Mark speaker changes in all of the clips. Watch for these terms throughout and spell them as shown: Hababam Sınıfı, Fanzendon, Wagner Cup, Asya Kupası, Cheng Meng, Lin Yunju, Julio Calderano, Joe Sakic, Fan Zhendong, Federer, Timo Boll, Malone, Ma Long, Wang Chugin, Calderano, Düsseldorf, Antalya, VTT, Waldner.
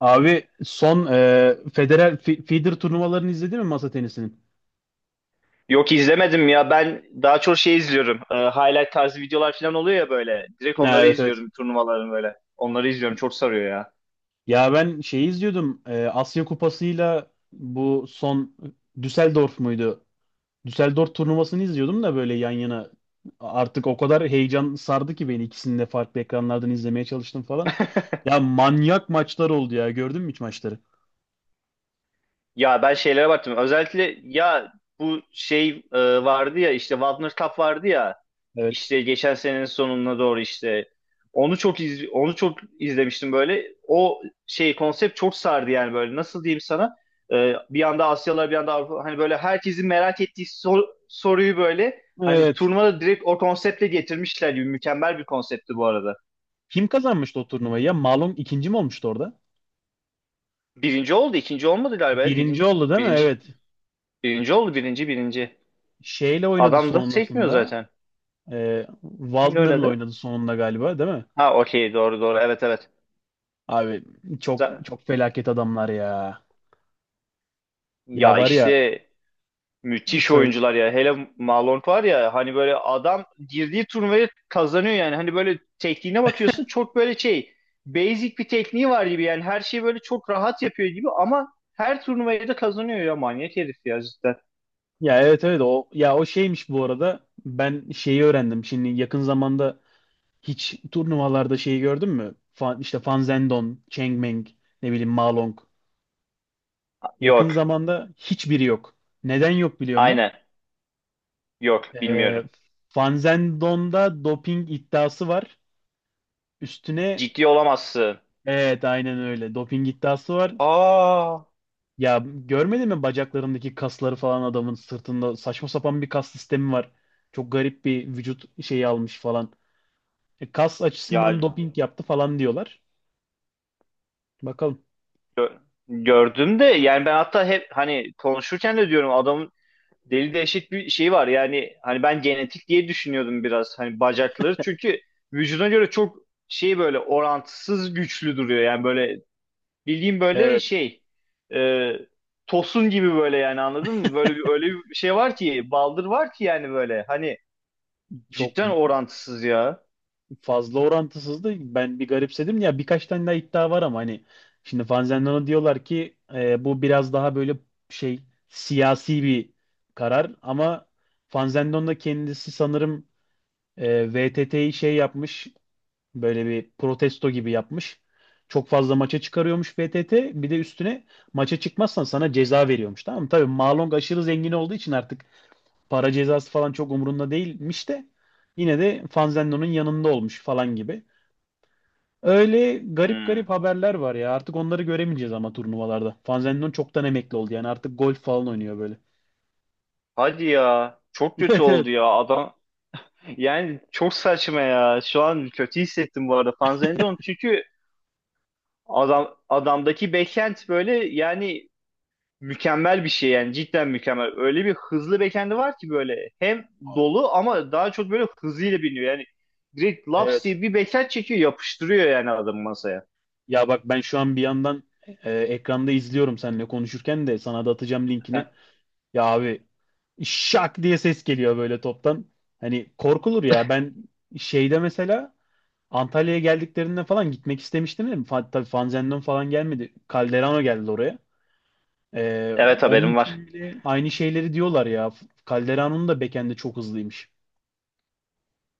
Speaker 1: Abi son Federer Feeder turnuvalarını izledin mi masa tenisinin?
Speaker 2: Yok izlemedim ya. Ben daha çok şey izliyorum. Highlight tarzı videolar falan oluyor ya böyle. Direkt
Speaker 1: Ha,
Speaker 2: onları
Speaker 1: evet evet.
Speaker 2: izliyorum turnuvaların böyle. Onları izliyorum. Çok sarıyor ya.
Speaker 1: Ya ben şeyi izliyordum. Asya Kupası'yla bu son Düsseldorf muydu? Düsseldorf turnuvasını izliyordum da böyle yan yana. Artık o kadar heyecan sardı ki beni ikisini de farklı ekranlardan izlemeye çalıştım falan. Ya manyak maçlar oldu ya. Gördün mü hiç maçları?
Speaker 2: Ya ben şeylere baktım. Özellikle ya bu şey vardı ya işte Wagner Cup vardı ya
Speaker 1: Evet.
Speaker 2: işte geçen senenin sonuna doğru işte onu çok izlemiştim böyle. O şey konsept çok sardı yani böyle nasıl diyeyim sana. Bir yanda Asyalılar bir yanda Avrupa, hani böyle herkesin merak ettiği soruyu böyle hani
Speaker 1: Evet.
Speaker 2: turnuvada direkt o konseptle getirmişler gibi mükemmel bir konseptti bu arada.
Speaker 1: Kim kazanmıştı o turnuvayı ya? Malum ikinci mi olmuştu orada?
Speaker 2: Birinci oldu, ikinci olmadı galiba.
Speaker 1: Birinci oldu değil mi?
Speaker 2: Birinci
Speaker 1: Evet.
Speaker 2: birinci oldu, birinci birinci.
Speaker 1: Şeyle oynadı
Speaker 2: Adam da çekmiyor
Speaker 1: sonrasında.
Speaker 2: zaten.
Speaker 1: E,
Speaker 2: Kimle
Speaker 1: Waldner'la
Speaker 2: oynadı?
Speaker 1: oynadı sonunda galiba değil mi?
Speaker 2: Ha, okey, doğru doğru, evet evet.
Speaker 1: Abi çok
Speaker 2: Za-
Speaker 1: çok felaket adamlar ya. Ya
Speaker 2: Ya
Speaker 1: var ya
Speaker 2: işte müthiş
Speaker 1: söyle.
Speaker 2: oyuncular ya. Hele Malone var ya, hani böyle adam girdiği turnuvayı kazanıyor yani. Hani böyle tekniğine bakıyorsun, çok böyle şey, basic bir tekniği var gibi yani, her şeyi böyle çok rahat yapıyor gibi ama her turnuvayı da kazanıyor ya, manyak herif ya, cidden.
Speaker 1: Ya evet evet o ya o şeymiş bu arada. Ben şeyi öğrendim. Şimdi yakın zamanda hiç turnuvalarda şeyi gördün mü? İşte Fan Zhendong, Cheng Meng, ne bileyim Ma Long. Yakın
Speaker 2: Yok.
Speaker 1: zamanda hiçbiri yok. Neden yok biliyor musun?
Speaker 2: Aynen. Yok
Speaker 1: Ee,
Speaker 2: bilmiyorum.
Speaker 1: Fan Zhendong'da doping iddiası var. Üstüne
Speaker 2: Ciddi olamazsın.
Speaker 1: evet aynen öyle. Doping iddiası var.
Speaker 2: Aa.
Speaker 1: Ya görmedin mi bacaklarındaki kasları falan adamın sırtında saçma sapan bir kas sistemi var. Çok garip bir vücut şeyi almış falan. Kas açısından
Speaker 2: Ya
Speaker 1: doping yaptı falan diyorlar. Bakalım.
Speaker 2: gördüm de, yani ben hatta hep hani konuşurken de diyorum, adam deli, eşit bir şey var yani, hani ben genetik diye düşünüyordum biraz, hani bacakları çünkü vücuduna göre çok şey, böyle orantısız güçlü duruyor yani, böyle bildiğim böyle
Speaker 1: Evet.
Speaker 2: şey, e, tosun gibi, böyle yani anladın mı, böyle bir, öyle bir şey var ki, baldır var ki yani, böyle hani,
Speaker 1: Çok
Speaker 2: cidden orantısız ya.
Speaker 1: fazla orantısızdı. Ben bir garipsedim. Ya birkaç tane daha iddia var ama hani şimdi Fanzendon'a diyorlar ki bu biraz daha böyle şey siyasi bir karar ama Fanzendon da kendisi sanırım VTT'yi şey yapmış. Böyle bir protesto gibi yapmış. Çok fazla maça çıkarıyormuş VTT. Bir de üstüne maça çıkmazsan sana ceza veriyormuş. Tamam mı? Tabii Malong aşırı zengin olduğu için artık para cezası falan çok umurunda değilmiş de yine de Fanzenlo'nun yanında olmuş falan gibi. Öyle garip
Speaker 2: Hmm.
Speaker 1: garip haberler var ya. Artık onları göremeyeceğiz ama turnuvalarda. Fanzenlon çoktan emekli oldu yani. Artık golf falan oynuyor böyle.
Speaker 2: Hadi ya, çok kötü
Speaker 1: Evet
Speaker 2: oldu
Speaker 1: evet.
Speaker 2: ya adam, yani çok saçma ya, şu an kötü hissettim bu arada Fanzendon çünkü adamdaki backhand böyle yani mükemmel bir şey yani, cidden mükemmel. Öyle bir hızlı backend'i var ki böyle, hem
Speaker 1: Abi,
Speaker 2: dolu ama daha çok böyle hızıyla biniyor. Yani direkt laps
Speaker 1: evet.
Speaker 2: diye bir backend çekiyor, yapıştırıyor yani adamı masaya.
Speaker 1: Ya bak ben şu an bir yandan ekranda izliyorum seninle konuşurken de sana da atacağım linkini. Ya abi şak diye ses geliyor böyle toptan. Hani korkulur ya. Ben şeyde mesela Antalya'ya geldiklerinde falan gitmek istemiştim değil mi? Tabii Fanzendon falan gelmedi. Calderano geldi oraya.
Speaker 2: Evet,
Speaker 1: Onun
Speaker 2: haberim var.
Speaker 1: için bile aynı şeyleri diyorlar ya. Calderano'nun da bekendi çok hızlıymış.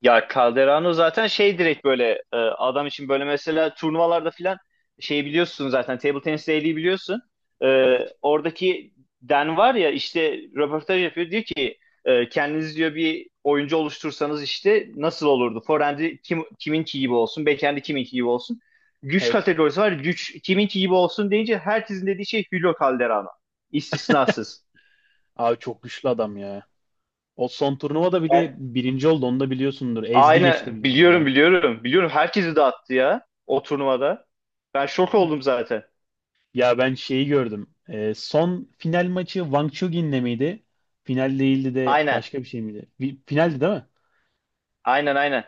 Speaker 2: Ya Calderano zaten şey, direkt böyle adam için böyle mesela turnuvalarda filan, şey biliyorsun zaten, table tenis değeri biliyorsun. E,
Speaker 1: Evet.
Speaker 2: Oradaki Dan var ya, işte röportaj yapıyor, diyor ki kendiniz diyor bir oyuncu oluştursanız işte nasıl olurdu? Forehand'i kiminki gibi olsun, backhand'i kiminki gibi olsun. Güç
Speaker 1: Evet.
Speaker 2: kategorisi var. Güç kiminki gibi olsun deyince herkesin dediği şey Julio Calderano. İstisnasız.
Speaker 1: Abi çok güçlü adam ya. O son turnuvada bir
Speaker 2: Yani
Speaker 1: de birinci oldu. Onu da biliyorsundur. Ezdi geçti
Speaker 2: aynen,
Speaker 1: bildiğin
Speaker 2: biliyorum
Speaker 1: ya.
Speaker 2: biliyorum. Biliyorum, herkesi dağıttı ya o turnuvada. Ben şok oldum zaten.
Speaker 1: Ya ben şeyi gördüm. Son final maçı Wang Chugin'le miydi? Final değildi de
Speaker 2: Aynen.
Speaker 1: başka bir şey miydi? Finaldi değil mi?
Speaker 2: Aynen aynen.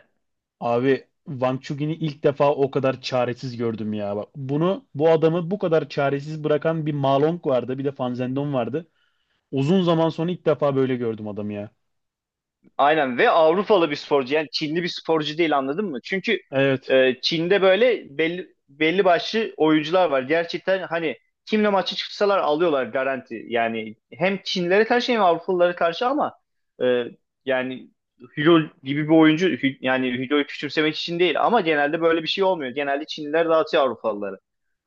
Speaker 1: Abi Wang Chugin'i ilk defa o kadar çaresiz gördüm ya. Bak bu adamı bu kadar çaresiz bırakan bir Ma Long vardı, bir de Fan Zhendong vardı. Uzun zaman sonra ilk defa böyle gördüm adamı ya.
Speaker 2: Aynen, ve Avrupalı bir sporcu yani, Çinli bir sporcu değil, anladın mı? Çünkü
Speaker 1: Evet.
Speaker 2: Çin'de böyle belli başlı oyuncular var. Gerçekten hani kimle maçı çıksalar alıyorlar, garanti. Yani hem Çinlilere karşı hem Avrupalılara karşı, ama e, yani Hülo gibi bir oyuncu, yani Hülo'yu küçümsemek için değil ama genelde böyle bir şey olmuyor. Genelde Çinliler dağıtıyor Avrupalıları.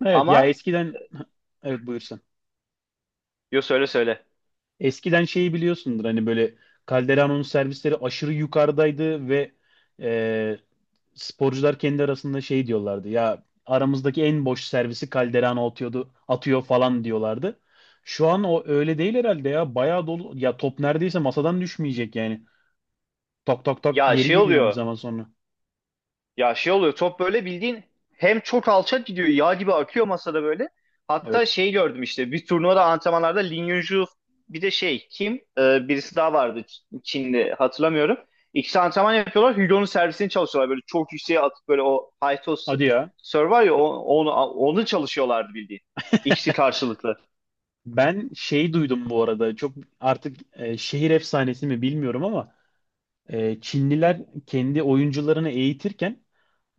Speaker 1: Evet ya
Speaker 2: Ama.
Speaker 1: eskiden, evet, buyur.
Speaker 2: Yo, söyle söyle.
Speaker 1: Eskiden şeyi biliyorsundur hani böyle Calderon'un servisleri aşırı yukarıdaydı ve e, sporcular kendi arasında şey diyorlardı. Ya aramızdaki en boş servisi Calderano atıyordu, atıyor falan diyorlardı. Şu an o öyle değil herhalde ya. Bayağı dolu. Ya top neredeyse masadan düşmeyecek yani. Tak tak tak
Speaker 2: Ya
Speaker 1: geri
Speaker 2: şey
Speaker 1: geliyor bir
Speaker 2: oluyor.
Speaker 1: zaman sonra.
Speaker 2: Ya şey oluyor. Top böyle bildiğin hem çok alçak gidiyor. Yağ gibi akıyor masada böyle. Hatta
Speaker 1: Evet.
Speaker 2: şey gördüm işte. Bir turnuvada antrenmanlarda Lin Yunju, bir de şey kim? Birisi daha vardı, Çinli, hatırlamıyorum. İkisi antrenman yapıyorlar. Hugo'nun servisini çalışıyorlar. Böyle çok yükseğe atıp böyle, o high toss
Speaker 1: Hadi ya.
Speaker 2: serve var ya, onu çalışıyorlardı bildiğin. İkisi karşılıklı.
Speaker 1: Ben şey duydum bu arada çok artık şehir efsanesi mi bilmiyorum ama Çinliler kendi oyuncularını eğitirken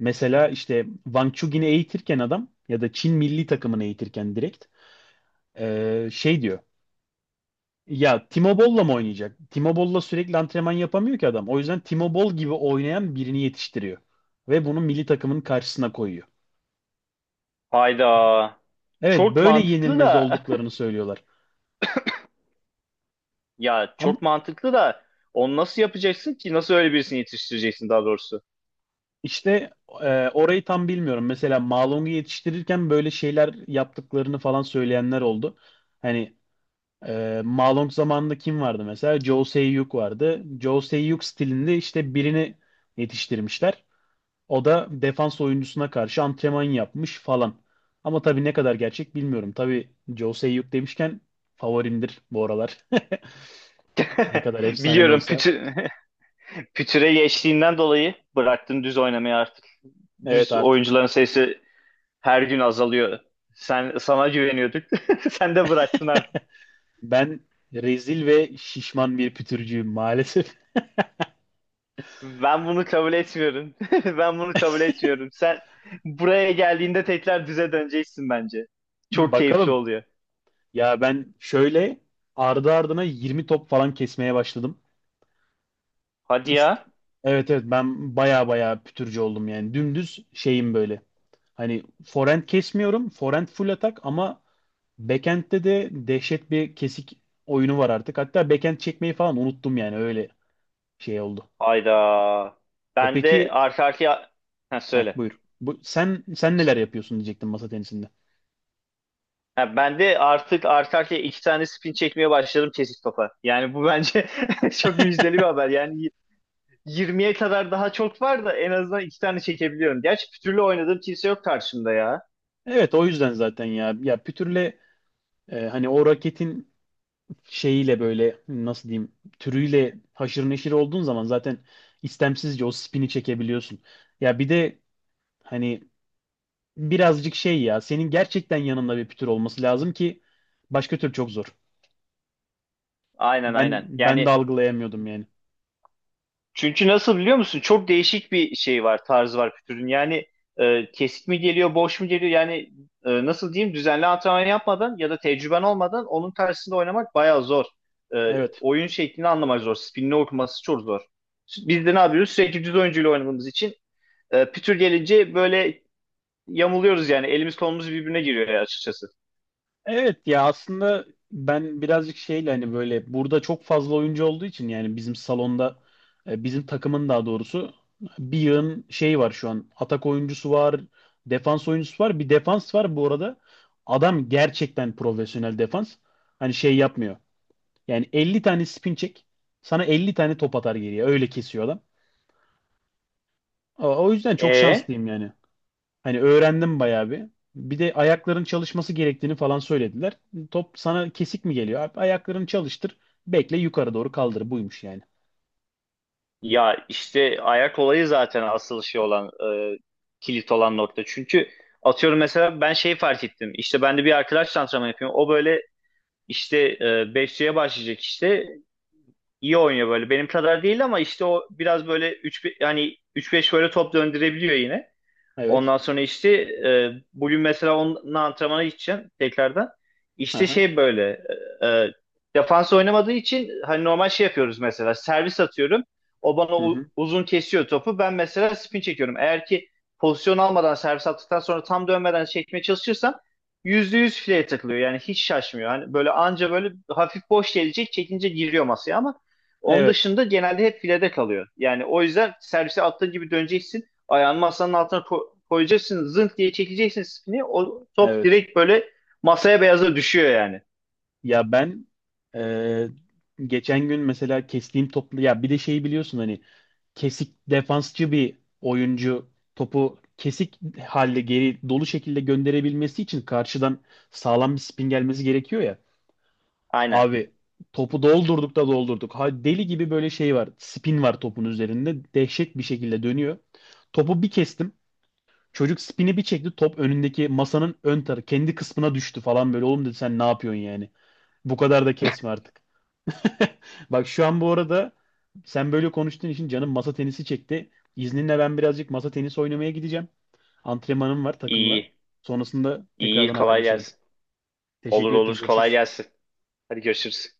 Speaker 1: mesela işte Wang Chugin'i eğitirken adam ya da Çin milli takımını eğitirken direkt şey diyor. Ya Timo Boll'la mı oynayacak? Timo Boll'la sürekli antrenman yapamıyor ki adam. O yüzden Timo Boll gibi oynayan birini yetiştiriyor. Ve bunu milli takımın karşısına koyuyor.
Speaker 2: Hayda.
Speaker 1: Evet
Speaker 2: Çok
Speaker 1: böyle
Speaker 2: mantıklı
Speaker 1: yenilmez
Speaker 2: da.
Speaker 1: olduklarını söylüyorlar.
Speaker 2: Ya
Speaker 1: Ama
Speaker 2: çok mantıklı da, onu nasıl yapacaksın ki? Nasıl öyle birisini yetiştireceksin daha doğrusu?
Speaker 1: işte orayı tam bilmiyorum. Mesela Malong'u yetiştirirken böyle şeyler yaptıklarını falan söyleyenler oldu. Hani Malong zamanında kim vardı mesela? Joe Sakic vardı. Joe Sakic stilinde işte birini yetiştirmişler. O da defans oyuncusuna karşı antrenman yapmış falan. Ama tabii ne kadar gerçek bilmiyorum. Tabii Joe Sakic demişken favorimdir bu aralar. Ne kadar efsane de
Speaker 2: Biliyorum
Speaker 1: olsa.
Speaker 2: pütüre geçtiğinden dolayı bıraktın düz oynamayı artık.
Speaker 1: Evet
Speaker 2: Düz
Speaker 1: artık.
Speaker 2: oyuncuların sayısı her gün azalıyor. Sana güveniyorduk. Sen de bıraktın artık.
Speaker 1: Ben rezil ve şişman bir pütürcüyüm maalesef.
Speaker 2: Ben bunu kabul etmiyorum. Ben bunu kabul etmiyorum. Sen buraya geldiğinde tekrar düze döneceksin bence. Çok keyifli
Speaker 1: Bakalım.
Speaker 2: oluyor.
Speaker 1: Ya ben şöyle ardı ardına 20 top falan kesmeye başladım.
Speaker 2: Hadi ya.
Speaker 1: Evet evet ben baya baya pütürcü oldum yani. Dümdüz şeyim böyle. Hani forehand kesmiyorum. Forehand full atak ama backhand'de de dehşet bir kesik oyunu var artık. Hatta backhand çekmeyi falan unuttum yani öyle şey oldu.
Speaker 2: Hayda.
Speaker 1: E
Speaker 2: Ben de
Speaker 1: peki
Speaker 2: arka arkaya... Ha, söyle.
Speaker 1: buyur. Sen neler yapıyorsun diyecektim masa tenisinde.
Speaker 2: Ha, ben de artık arka arkaya iki tane spin çekmeye başladım kesik topa. Yani bu bence çok müjdeli bir haber. Yani 20'ye kadar daha çok var da en azından iki tane çekebiliyorum. Gerçi pütürlü oynadığım kimse yok karşımda ya.
Speaker 1: Evet o yüzden zaten ya pütürle hani o raketin şeyiyle böyle nasıl diyeyim türüyle haşır neşir olduğun zaman zaten istemsizce o spini çekebiliyorsun. Ya bir de hani birazcık şey ya senin gerçekten yanında bir pütür olması lazım ki başka tür çok zor.
Speaker 2: Aynen
Speaker 1: Ben
Speaker 2: aynen.
Speaker 1: ben de
Speaker 2: Yani,
Speaker 1: algılayamıyordum yani.
Speaker 2: çünkü nasıl biliyor musun? Çok değişik bir şey var, tarzı var pütürün. Yani kesik mi geliyor, boş mu geliyor? Yani nasıl diyeyim? Düzenli antrenman yapmadan ya da tecrüben olmadan onun tersinde oynamak bayağı zor. E,
Speaker 1: Evet.
Speaker 2: Oyun şeklini anlamak zor. Spinini okuması çok zor. Biz de ne yapıyoruz? Sürekli düz oyuncuyla oynadığımız için pütür gelince böyle yamuluyoruz yani. Elimiz kolumuz birbirine giriyor açıkçası.
Speaker 1: Evet ya aslında ben birazcık şeyle hani böyle burada çok fazla oyuncu olduğu için yani bizim salonda bizim takımın daha doğrusu bir yığın şey var şu an. Atak oyuncusu var, defans oyuncusu var, bir defans var bu arada. Adam gerçekten profesyonel defans. Hani şey yapmıyor. Yani 50 tane spin çek, sana 50 tane top atar geriye. Öyle kesiyor adam. O yüzden çok
Speaker 2: E?
Speaker 1: şanslıyım yani. Hani öğrendim bayağı bir. Bir de ayakların çalışması gerektiğini falan söylediler. Top sana kesik mi geliyor? Abi, ayaklarını çalıştır. Bekle yukarı doğru kaldır. Buymuş yani.
Speaker 2: Ya işte ayak olayı zaten asıl şey olan, e, kilit olan nokta. Çünkü atıyorum mesela, ben şey fark ettim. İşte ben de bir arkadaş antrenman yapıyorum. O böyle işte 5C'ye başlayacak işte. İyi oynuyor böyle. Benim kadar değil ama işte o biraz böyle üç, yani üç beş böyle top döndürebiliyor yine.
Speaker 1: Evet.
Speaker 2: Ondan sonra işte bugün mesela onun antrenmana gideceğim tekrardan. İşte
Speaker 1: Aha.
Speaker 2: şey böyle, e, e, defans oynamadığı için hani normal şey yapıyoruz, mesela servis atıyorum. O bana
Speaker 1: Hı hı.
Speaker 2: uzun kesiyor topu. Ben mesela spin çekiyorum. Eğer ki pozisyon almadan servis attıktan sonra tam dönmeden çekmeye çalışırsam %100 fileye takılıyor. Yani hiç şaşmıyor. Hani böyle anca böyle hafif boş gelecek, çekince giriyor masaya ama onun
Speaker 1: Evet.
Speaker 2: dışında genelde hep filede kalıyor. Yani o yüzden servise attığın gibi döneceksin. Ayağını masanın altına koyacaksın. Zınk diye çekeceksin spini. O top
Speaker 1: Evet.
Speaker 2: direkt böyle masaya beyaza düşüyor yani.
Speaker 1: Ya ben e, geçen gün mesela kestiğim toplu ya bir de şeyi biliyorsun hani kesik defansçı bir oyuncu topu kesik halde geri dolu şekilde gönderebilmesi için karşıdan sağlam bir spin gelmesi gerekiyor ya.
Speaker 2: Aynen.
Speaker 1: Abi topu doldurduk da doldurduk. Ha, deli gibi böyle şey var. Spin var topun üzerinde. Dehşet bir şekilde dönüyor. Topu bir kestim. Çocuk spini bir çekti. Top önündeki masanın ön tarafı kendi kısmına düştü falan böyle. Oğlum dedi sen ne yapıyorsun yani? Bu kadar da kesme artık. Bak şu an bu arada sen böyle konuştuğun için canım masa tenisi çekti. İzninle ben birazcık masa tenisi oynamaya gideceğim. Antrenmanım var takımla.
Speaker 2: İyi.
Speaker 1: Sonrasında
Speaker 2: İyi,
Speaker 1: tekrardan
Speaker 2: kolay
Speaker 1: haberleşelim.
Speaker 2: gelsin. Olur
Speaker 1: Teşekkür ettim.
Speaker 2: olur. Kolay
Speaker 1: Görüşürüz.
Speaker 2: gelsin. Hadi, görüşürüz.